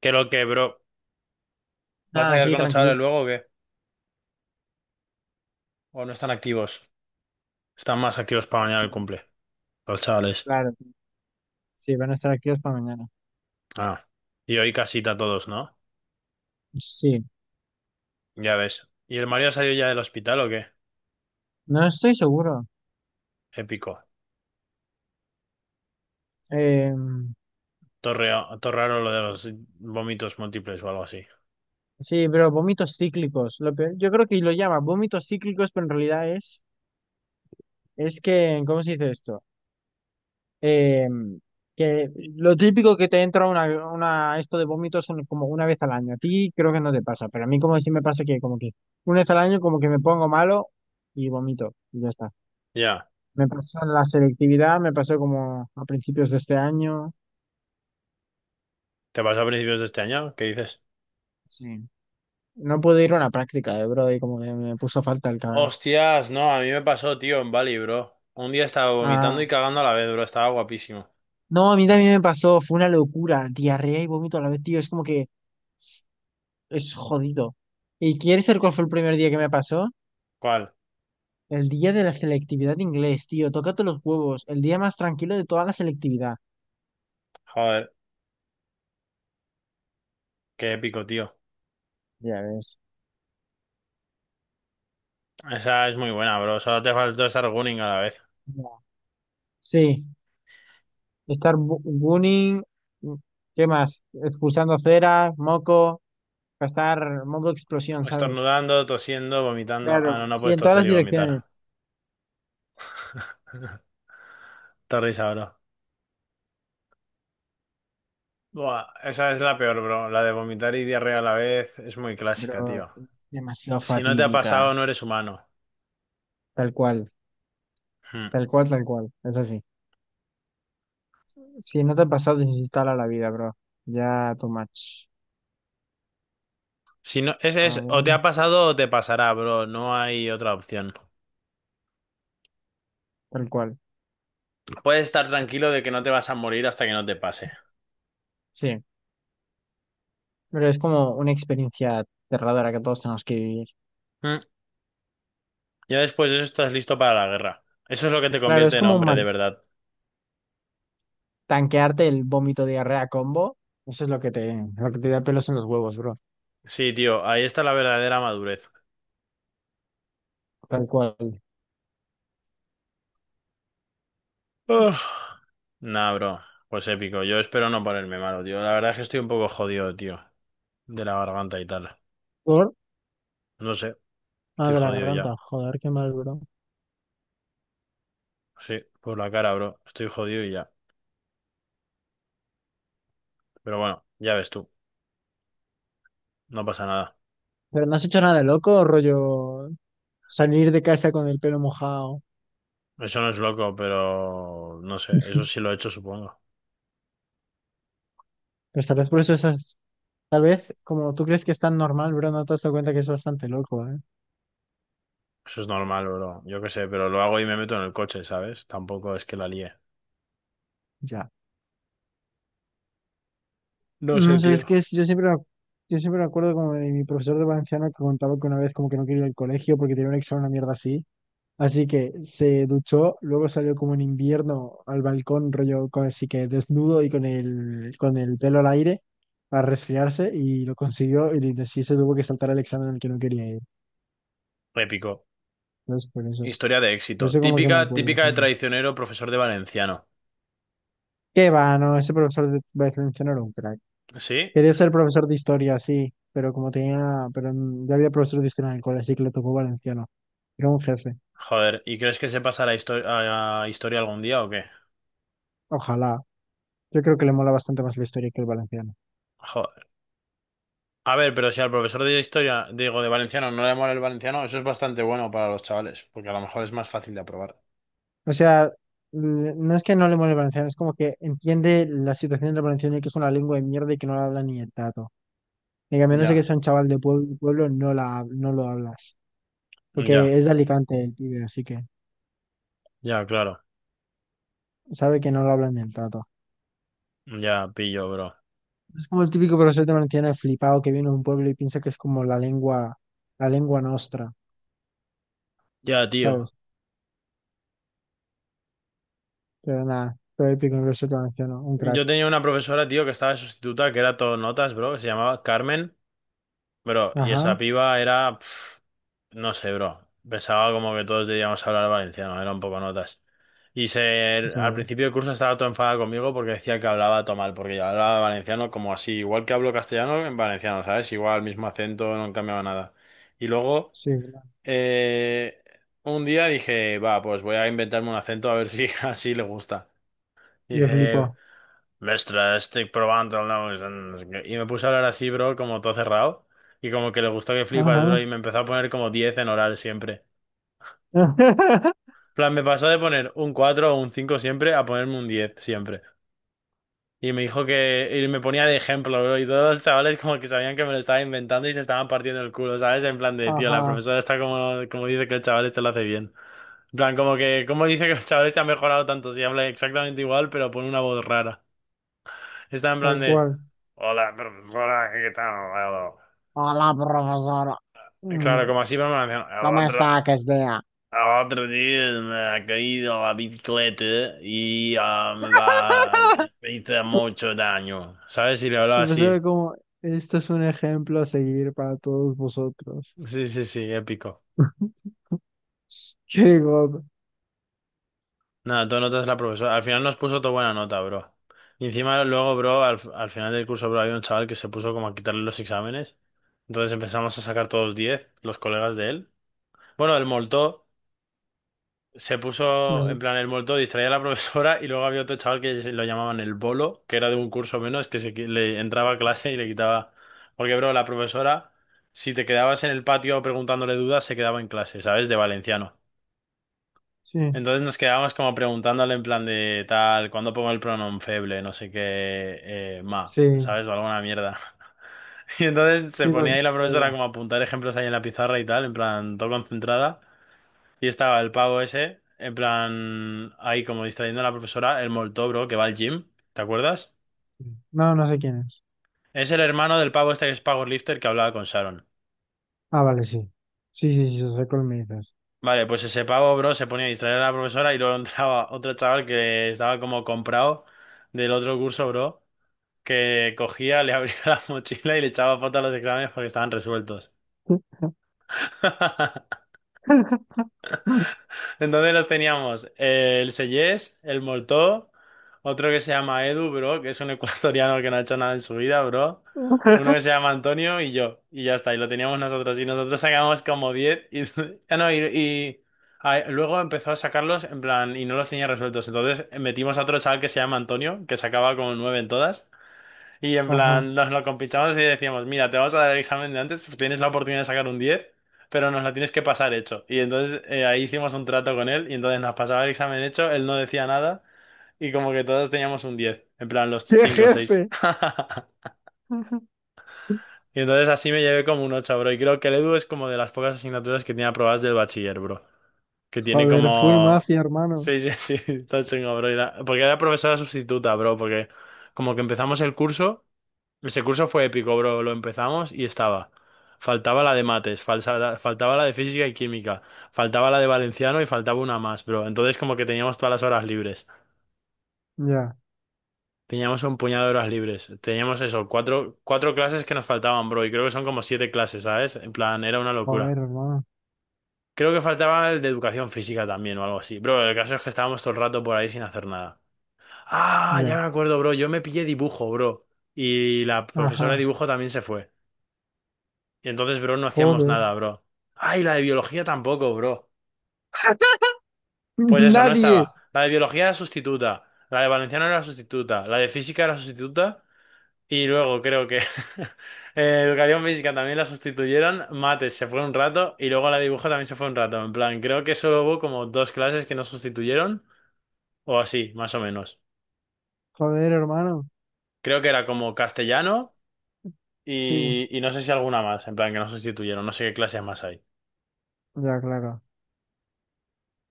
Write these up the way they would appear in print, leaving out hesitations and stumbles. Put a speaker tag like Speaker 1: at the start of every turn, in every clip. Speaker 1: Que lo que, bro. ¿Vas a
Speaker 2: Ah,
Speaker 1: quedar
Speaker 2: aquí
Speaker 1: con los chavales
Speaker 2: tranquilito.
Speaker 1: luego o qué? ¿O no están activos? Están más activos para mañana el cumple. Los chavales.
Speaker 2: Claro, sí, van a estar activos para mañana.
Speaker 1: Ah. Y hoy casita todos, ¿no?
Speaker 2: Sí,
Speaker 1: Ya ves. ¿Y el Mario salió ya del hospital o qué?
Speaker 2: no estoy seguro.
Speaker 1: Épico.
Speaker 2: Eh,
Speaker 1: Torraro lo de los vómitos múltiples o algo así.
Speaker 2: sí, pero vómitos cíclicos. Yo creo que lo llama vómitos cíclicos, pero en realidad es que, ¿cómo se dice esto? Eh, que lo típico que te entra una esto de vómitos son como una vez al año. A ti creo que no te pasa, pero a mí como que sí me pasa que como que una vez al año como que me pongo malo y vomito y ya está.
Speaker 1: Ya.
Speaker 2: Me pasó en la selectividad, me pasó como a principios de este año.
Speaker 1: ¿Te pasó a principios de este año? ¿Qué dices?
Speaker 2: Sí. No pude ir a una práctica de Brody, como que me puso falta el cabrón.
Speaker 1: Hostias, no, a mí me pasó, tío, en Bali, bro. Un día estaba
Speaker 2: Ah,
Speaker 1: vomitando y cagando a la vez, bro. Estaba guapísimo.
Speaker 2: no, a mí también me pasó, fue una locura, diarrea y vómito a la vez, tío, es como que es es jodido. ¿Y quieres saber cuál fue el primer día que me pasó?
Speaker 1: ¿Cuál?
Speaker 2: El día de la selectividad de inglés, tío, tócate los huevos, el día más tranquilo de toda la selectividad.
Speaker 1: Joder, qué épico, tío.
Speaker 2: Ya ves.
Speaker 1: Esa es muy buena, bro. Solo te faltó estar gunning a la vez.
Speaker 2: Ya. Sí, bullying, ¿qué más? Expulsando cera, moco, gastar moco explosión, ¿sabes?
Speaker 1: Estornudando, tosiendo, vomitando. Ah, no,
Speaker 2: Claro.
Speaker 1: no
Speaker 2: Sí,
Speaker 1: puedes
Speaker 2: en todas
Speaker 1: toser
Speaker 2: las
Speaker 1: y
Speaker 2: direcciones.
Speaker 1: vomitar. Te ríes ahora. Buah, esa es la peor, bro. La de vomitar y diarrea a la vez es muy clásica,
Speaker 2: Pero
Speaker 1: tío.
Speaker 2: demasiado
Speaker 1: Si no te ha
Speaker 2: fatídica.
Speaker 1: pasado, no eres humano.
Speaker 2: Tal cual,
Speaker 1: Hmm.
Speaker 2: tal cual, tal cual. Es así. Si no te ha pasado, desinstala la vida, bro. Ya too much.
Speaker 1: Si no, es,
Speaker 2: A
Speaker 1: es o te
Speaker 2: ver,
Speaker 1: ha pasado o te pasará, bro. No hay otra opción.
Speaker 2: tal cual.
Speaker 1: Puedes estar tranquilo de que no te vas a morir hasta que no te pase.
Speaker 2: Sí, pero es como una experiencia aterradora que todos tenemos que vivir.
Speaker 1: Hmm. Ya después de eso estás listo para la guerra. Eso es lo que te
Speaker 2: Claro,
Speaker 1: convierte en hombre, de verdad.
Speaker 2: tanquearte el vómito diarrea combo. Eso es lo que lo que te da pelos en los huevos, bro.
Speaker 1: Sí, tío, ahí está la verdadera madurez.
Speaker 2: Tal cual.
Speaker 1: Uf. Nah, bro, pues épico. Yo espero no ponerme malo, tío. La verdad es que estoy un poco jodido, tío, de la garganta y tal.
Speaker 2: Por,
Speaker 1: No sé,
Speaker 2: ah,
Speaker 1: estoy
Speaker 2: de la
Speaker 1: jodido
Speaker 2: garganta.
Speaker 1: ya.
Speaker 2: Joder, qué mal, bro.
Speaker 1: Sí, por la cara, bro. Estoy jodido y ya. Pero bueno, ya ves tú, no pasa nada.
Speaker 2: Pero no has hecho nada de loco, rollo salir de casa con el pelo mojado.
Speaker 1: Eso no es loco, pero no sé, eso sí lo he hecho, supongo.
Speaker 2: Pues tal vez por eso tal vez como tú crees que es tan normal, bro, no te has dado cuenta que es bastante loco, ¿eh?
Speaker 1: Eso es normal, bro. Yo qué sé, pero lo hago y me meto en el coche, ¿sabes? Tampoco es que la líe.
Speaker 2: Ya.
Speaker 1: No
Speaker 2: No
Speaker 1: sé,
Speaker 2: sé, es
Speaker 1: tío.
Speaker 2: que es- yo siempre, me ac- yo siempre me acuerdo como de mi profesor de valenciano que contaba que una vez como que no quería ir al colegio porque tenía un examen, una mierda así. Así que se duchó, luego salió como en invierno al balcón, así que desnudo y con con el pelo al aire para resfriarse y lo consiguió y sí se tuvo que saltar el examen al que no quería ir.
Speaker 1: Épico.
Speaker 2: Entonces,
Speaker 1: Historia de éxito.
Speaker 2: por eso como que me
Speaker 1: Típica,
Speaker 2: acuerdo
Speaker 1: típica de
Speaker 2: siempre.
Speaker 1: traicionero, profesor de valenciano.
Speaker 2: Qué va, no, ese profesor de Westminster era un crack.
Speaker 1: ¿Sí?
Speaker 2: Quería ser profesor de historia, sí, pero ya había profesor de historia en el colegio, así que le tocó valenciano. Era un jefe.
Speaker 1: Joder, ¿y crees que se pasará a historia algún día o qué?
Speaker 2: Ojalá. Yo creo que le mola bastante más la historia que el valenciano.
Speaker 1: Joder. A ver, pero si al profesor de historia, digo, de valenciano, no le mola el valenciano, eso es bastante bueno para los chavales, porque a lo mejor es más fácil de aprobar.
Speaker 2: O sea, no es que no le mole el valenciano, es como que entiende la situación del valenciano y que es una lengua de mierda y que no la habla ni el tato. Y que a menos de que
Speaker 1: Ya,
Speaker 2: sea un chaval de pueblo, pueblo no no lo hablas. Porque
Speaker 1: ya,
Speaker 2: es de Alicante el pibe, así que
Speaker 1: ya, claro.
Speaker 2: sabe que no lo hablan ni el tato.
Speaker 1: Ya, pillo, bro.
Speaker 2: Como el típico profesor te mantiene flipado que viene de un pueblo y piensa que es como la lengua nostra,
Speaker 1: Ya, tío.
Speaker 2: ¿sabes? Pero nada, todo el típico profesor te mantiene un crack.
Speaker 1: Yo tenía una profesora, tío, que estaba de sustituta, que era todo notas, bro, que se llamaba Carmen, bro, y esa
Speaker 2: Ajá,
Speaker 1: piba era. No sé, bro. Pensaba como que todos debíamos hablar valenciano, era un poco notas. Y al
Speaker 2: ¿sabes?
Speaker 1: principio del curso estaba todo enfadado conmigo porque decía que hablaba todo mal, porque yo hablaba valenciano como así, igual que hablo castellano en valenciano, ¿sabes? Igual, mismo acento, no cambiaba nada. Y luego,
Speaker 2: Sí, claro.
Speaker 1: eh, un día dije, va, pues voy a inventarme un acento a ver si así le gusta. Y
Speaker 2: Y él
Speaker 1: dije,
Speaker 2: flipó.
Speaker 1: mestra, estoy probando el nuevo no sé qué. Y me puse a hablar así, bro, como todo cerrado. Y como que le gustó que flipas, bro, y
Speaker 2: Ajá.
Speaker 1: me empezó a poner como 10 en oral siempre. Plan, me pasó de poner un 4 o un 5 siempre a ponerme un 10 siempre. Y me dijo que. Y me ponía de ejemplo, bro. Y todos los chavales como que sabían que me lo estaba inventando y se estaban partiendo el culo, ¿sabes? En plan de, tío, la
Speaker 2: Ajá,
Speaker 1: profesora está como, como dice que el chaval este lo hace bien. En plan, como que. ¿Cómo dice que el chaval este ha mejorado tanto? Si habla exactamente igual, pero pone una voz rara. Está en
Speaker 2: tal
Speaker 1: plan de.
Speaker 2: cual.
Speaker 1: Hola, profesora, ¿qué tal?
Speaker 2: Hola, profesora.
Speaker 1: Claro,
Speaker 2: Mm,
Speaker 1: como así, pero me lo
Speaker 2: ¿cómo
Speaker 1: hacían.
Speaker 2: está que es día?
Speaker 1: Otro día me ha caído la bicicleta y ah, me va, me hizo mucho daño. ¿Sabes? Si le hablaba
Speaker 2: El profesor
Speaker 1: así.
Speaker 2: era como, esto es un ejemplo a seguir para todos vosotros.
Speaker 1: Sí, sí, sí, épico.
Speaker 2: Qué god.
Speaker 1: Nada, tú notas la profesora. Al final nos puso toda buena nota, bro. Y encima luego, bro, al final del curso, bro, había un chaval que se puso como a quitarle los exámenes. Entonces empezamos a sacar todos 10 los colegas de él. Bueno, el moltó. Se
Speaker 2: No
Speaker 1: puso en
Speaker 2: sé.
Speaker 1: plan el muerto, distraía a la profesora y luego había otro chaval que lo llamaban el bolo, que era de un curso menos, que le entraba a clase y le quitaba. Porque, bro, la profesora, si te quedabas en el patio preguntándole dudas, se quedaba en clase, ¿sabes? De valenciano.
Speaker 2: Sí,
Speaker 1: Entonces nos quedábamos como preguntándole en plan de tal, ¿cuándo pongo el pronom feble? No sé qué,
Speaker 2: sí,
Speaker 1: ¿sabes? O alguna mierda. Y entonces se
Speaker 2: sí,
Speaker 1: ponía ahí
Speaker 2: cualquier
Speaker 1: la profesora
Speaker 2: cosa.
Speaker 1: como a apuntar ejemplos ahí en la pizarra y tal, en plan, todo concentrada. Y estaba el pavo ese, en plan, ahí como distrayendo a la profesora, el molto, bro, que va al gym, ¿te acuerdas?
Speaker 2: No, no sé quién es.
Speaker 1: Es el hermano del pavo este que es powerlifter que hablaba con Sharon.
Speaker 2: Ah, vale, sí. Sí, sí, sí, soy colmillitas.
Speaker 1: Vale, pues ese pavo, bro, se ponía a distraer a la profesora y luego entraba otro chaval que estaba como comprado del otro curso, bro, que cogía, le abría la mochila y le echaba fotos a los exámenes porque estaban resueltos. Entonces los teníamos el Seyés, el Moltó, otro que se llama Edu, bro, que es un ecuatoriano que no ha hecho nada en su vida, bro. Uno que se llama Antonio y yo. Y ya está, y lo teníamos nosotros. Y nosotros sacamos como 10. Y ah, no, ah, luego empezó a sacarlos en plan, y no los tenía resueltos. Entonces metimos a otro chaval que se llama Antonio, que sacaba como 9 en todas. Y en
Speaker 2: Ajá.
Speaker 1: plan, nos lo compinchamos y decíamos, mira, te vamos a dar el examen de antes, tienes la oportunidad de sacar un 10, pero nos la tienes que pasar hecho. Y entonces ahí hicimos un trato con él y entonces nos pasaba el examen hecho, él no decía nada y como que todos teníamos un 10 en plan los
Speaker 2: ¡Qué
Speaker 1: 5 o seis.
Speaker 2: jefe!
Speaker 1: Y entonces así me llevé como un ocho, bro. Y creo que el Edu es como de las pocas asignaturas que tiene aprobadas del bachiller, bro. Que tiene
Speaker 2: Joder, full
Speaker 1: como.
Speaker 2: mafia, hermano.
Speaker 1: Sí, sí, sí, está chingo, bro. Porque era profesora sustituta, bro, porque como que empezamos el curso. Ese curso fue épico, bro. Lo empezamos y estaba. Faltaba la de mates, faltaba la de física y química, faltaba la de valenciano y faltaba una más, bro. Entonces como que teníamos todas las horas libres.
Speaker 2: Ya.
Speaker 1: Teníamos un puñado de horas libres. Teníamos eso, cuatro clases que nos faltaban, bro. Y creo que son como siete clases, ¿sabes? En plan, era una locura.
Speaker 2: Joder, hermano.
Speaker 1: Creo que faltaba el de educación física también o algo así. Bro, el caso es que estábamos todo el rato por ahí sin hacer nada. Ah, ya
Speaker 2: Ya.
Speaker 1: me acuerdo, bro. Yo me pillé dibujo, bro. Y la
Speaker 2: Ajá.
Speaker 1: profesora de dibujo también se fue. Y entonces, bro, no hacíamos
Speaker 2: Joder.
Speaker 1: nada, bro. Ay, la de biología tampoco, bro. Pues eso, no
Speaker 2: Nadie.
Speaker 1: estaba. La de biología era sustituta. La de valenciano era sustituta. La de física era sustituta. Y luego creo que educación física también la sustituyeron. Mates se fue un rato. Y luego la de dibujo también se fue un rato. En plan, creo que solo hubo como dos clases que no sustituyeron. O así, más o menos.
Speaker 2: Joder, hermano.
Speaker 1: Creo que era como castellano
Speaker 2: Sí.
Speaker 1: y no sé si alguna más. En plan, que no sustituyeron. No sé qué clases más hay.
Speaker 2: Ya, claro.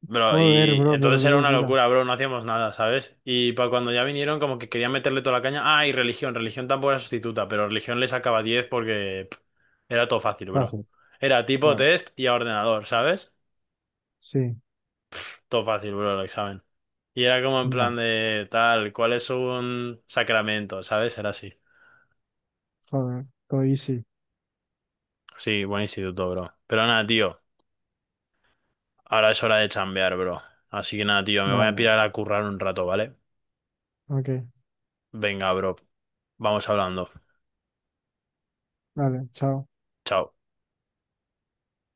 Speaker 1: Bro,
Speaker 2: Joder,
Speaker 1: y
Speaker 2: bro, pero
Speaker 1: entonces
Speaker 2: qué
Speaker 1: era una
Speaker 2: locura.
Speaker 1: locura, bro, no hacíamos nada, ¿sabes? Y para cuando ya vinieron, como que querían meterle toda la caña. Ah, y religión, religión tampoco era sustituta, pero religión le sacaba 10 porque era todo fácil, bro.
Speaker 2: Fácil,
Speaker 1: Era tipo
Speaker 2: claro.
Speaker 1: test y a ordenador, ¿sabes?
Speaker 2: Sí.
Speaker 1: Todo fácil, bro, el examen. Y era como en plan
Speaker 2: Ya.
Speaker 1: de tal, ¿cuál es un sacramento? ¿Sabes? Era así.
Speaker 2: Joder. Lo hice.
Speaker 1: Sí, buen instituto, bro. Pero nada, tío, ahora es hora de chambear, bro. Así que nada, tío, me voy a
Speaker 2: Dale.
Speaker 1: pirar a currar un rato, ¿vale?
Speaker 2: Ok.
Speaker 1: Venga, bro, vamos hablando.
Speaker 2: Dale. Chao.
Speaker 1: Chao.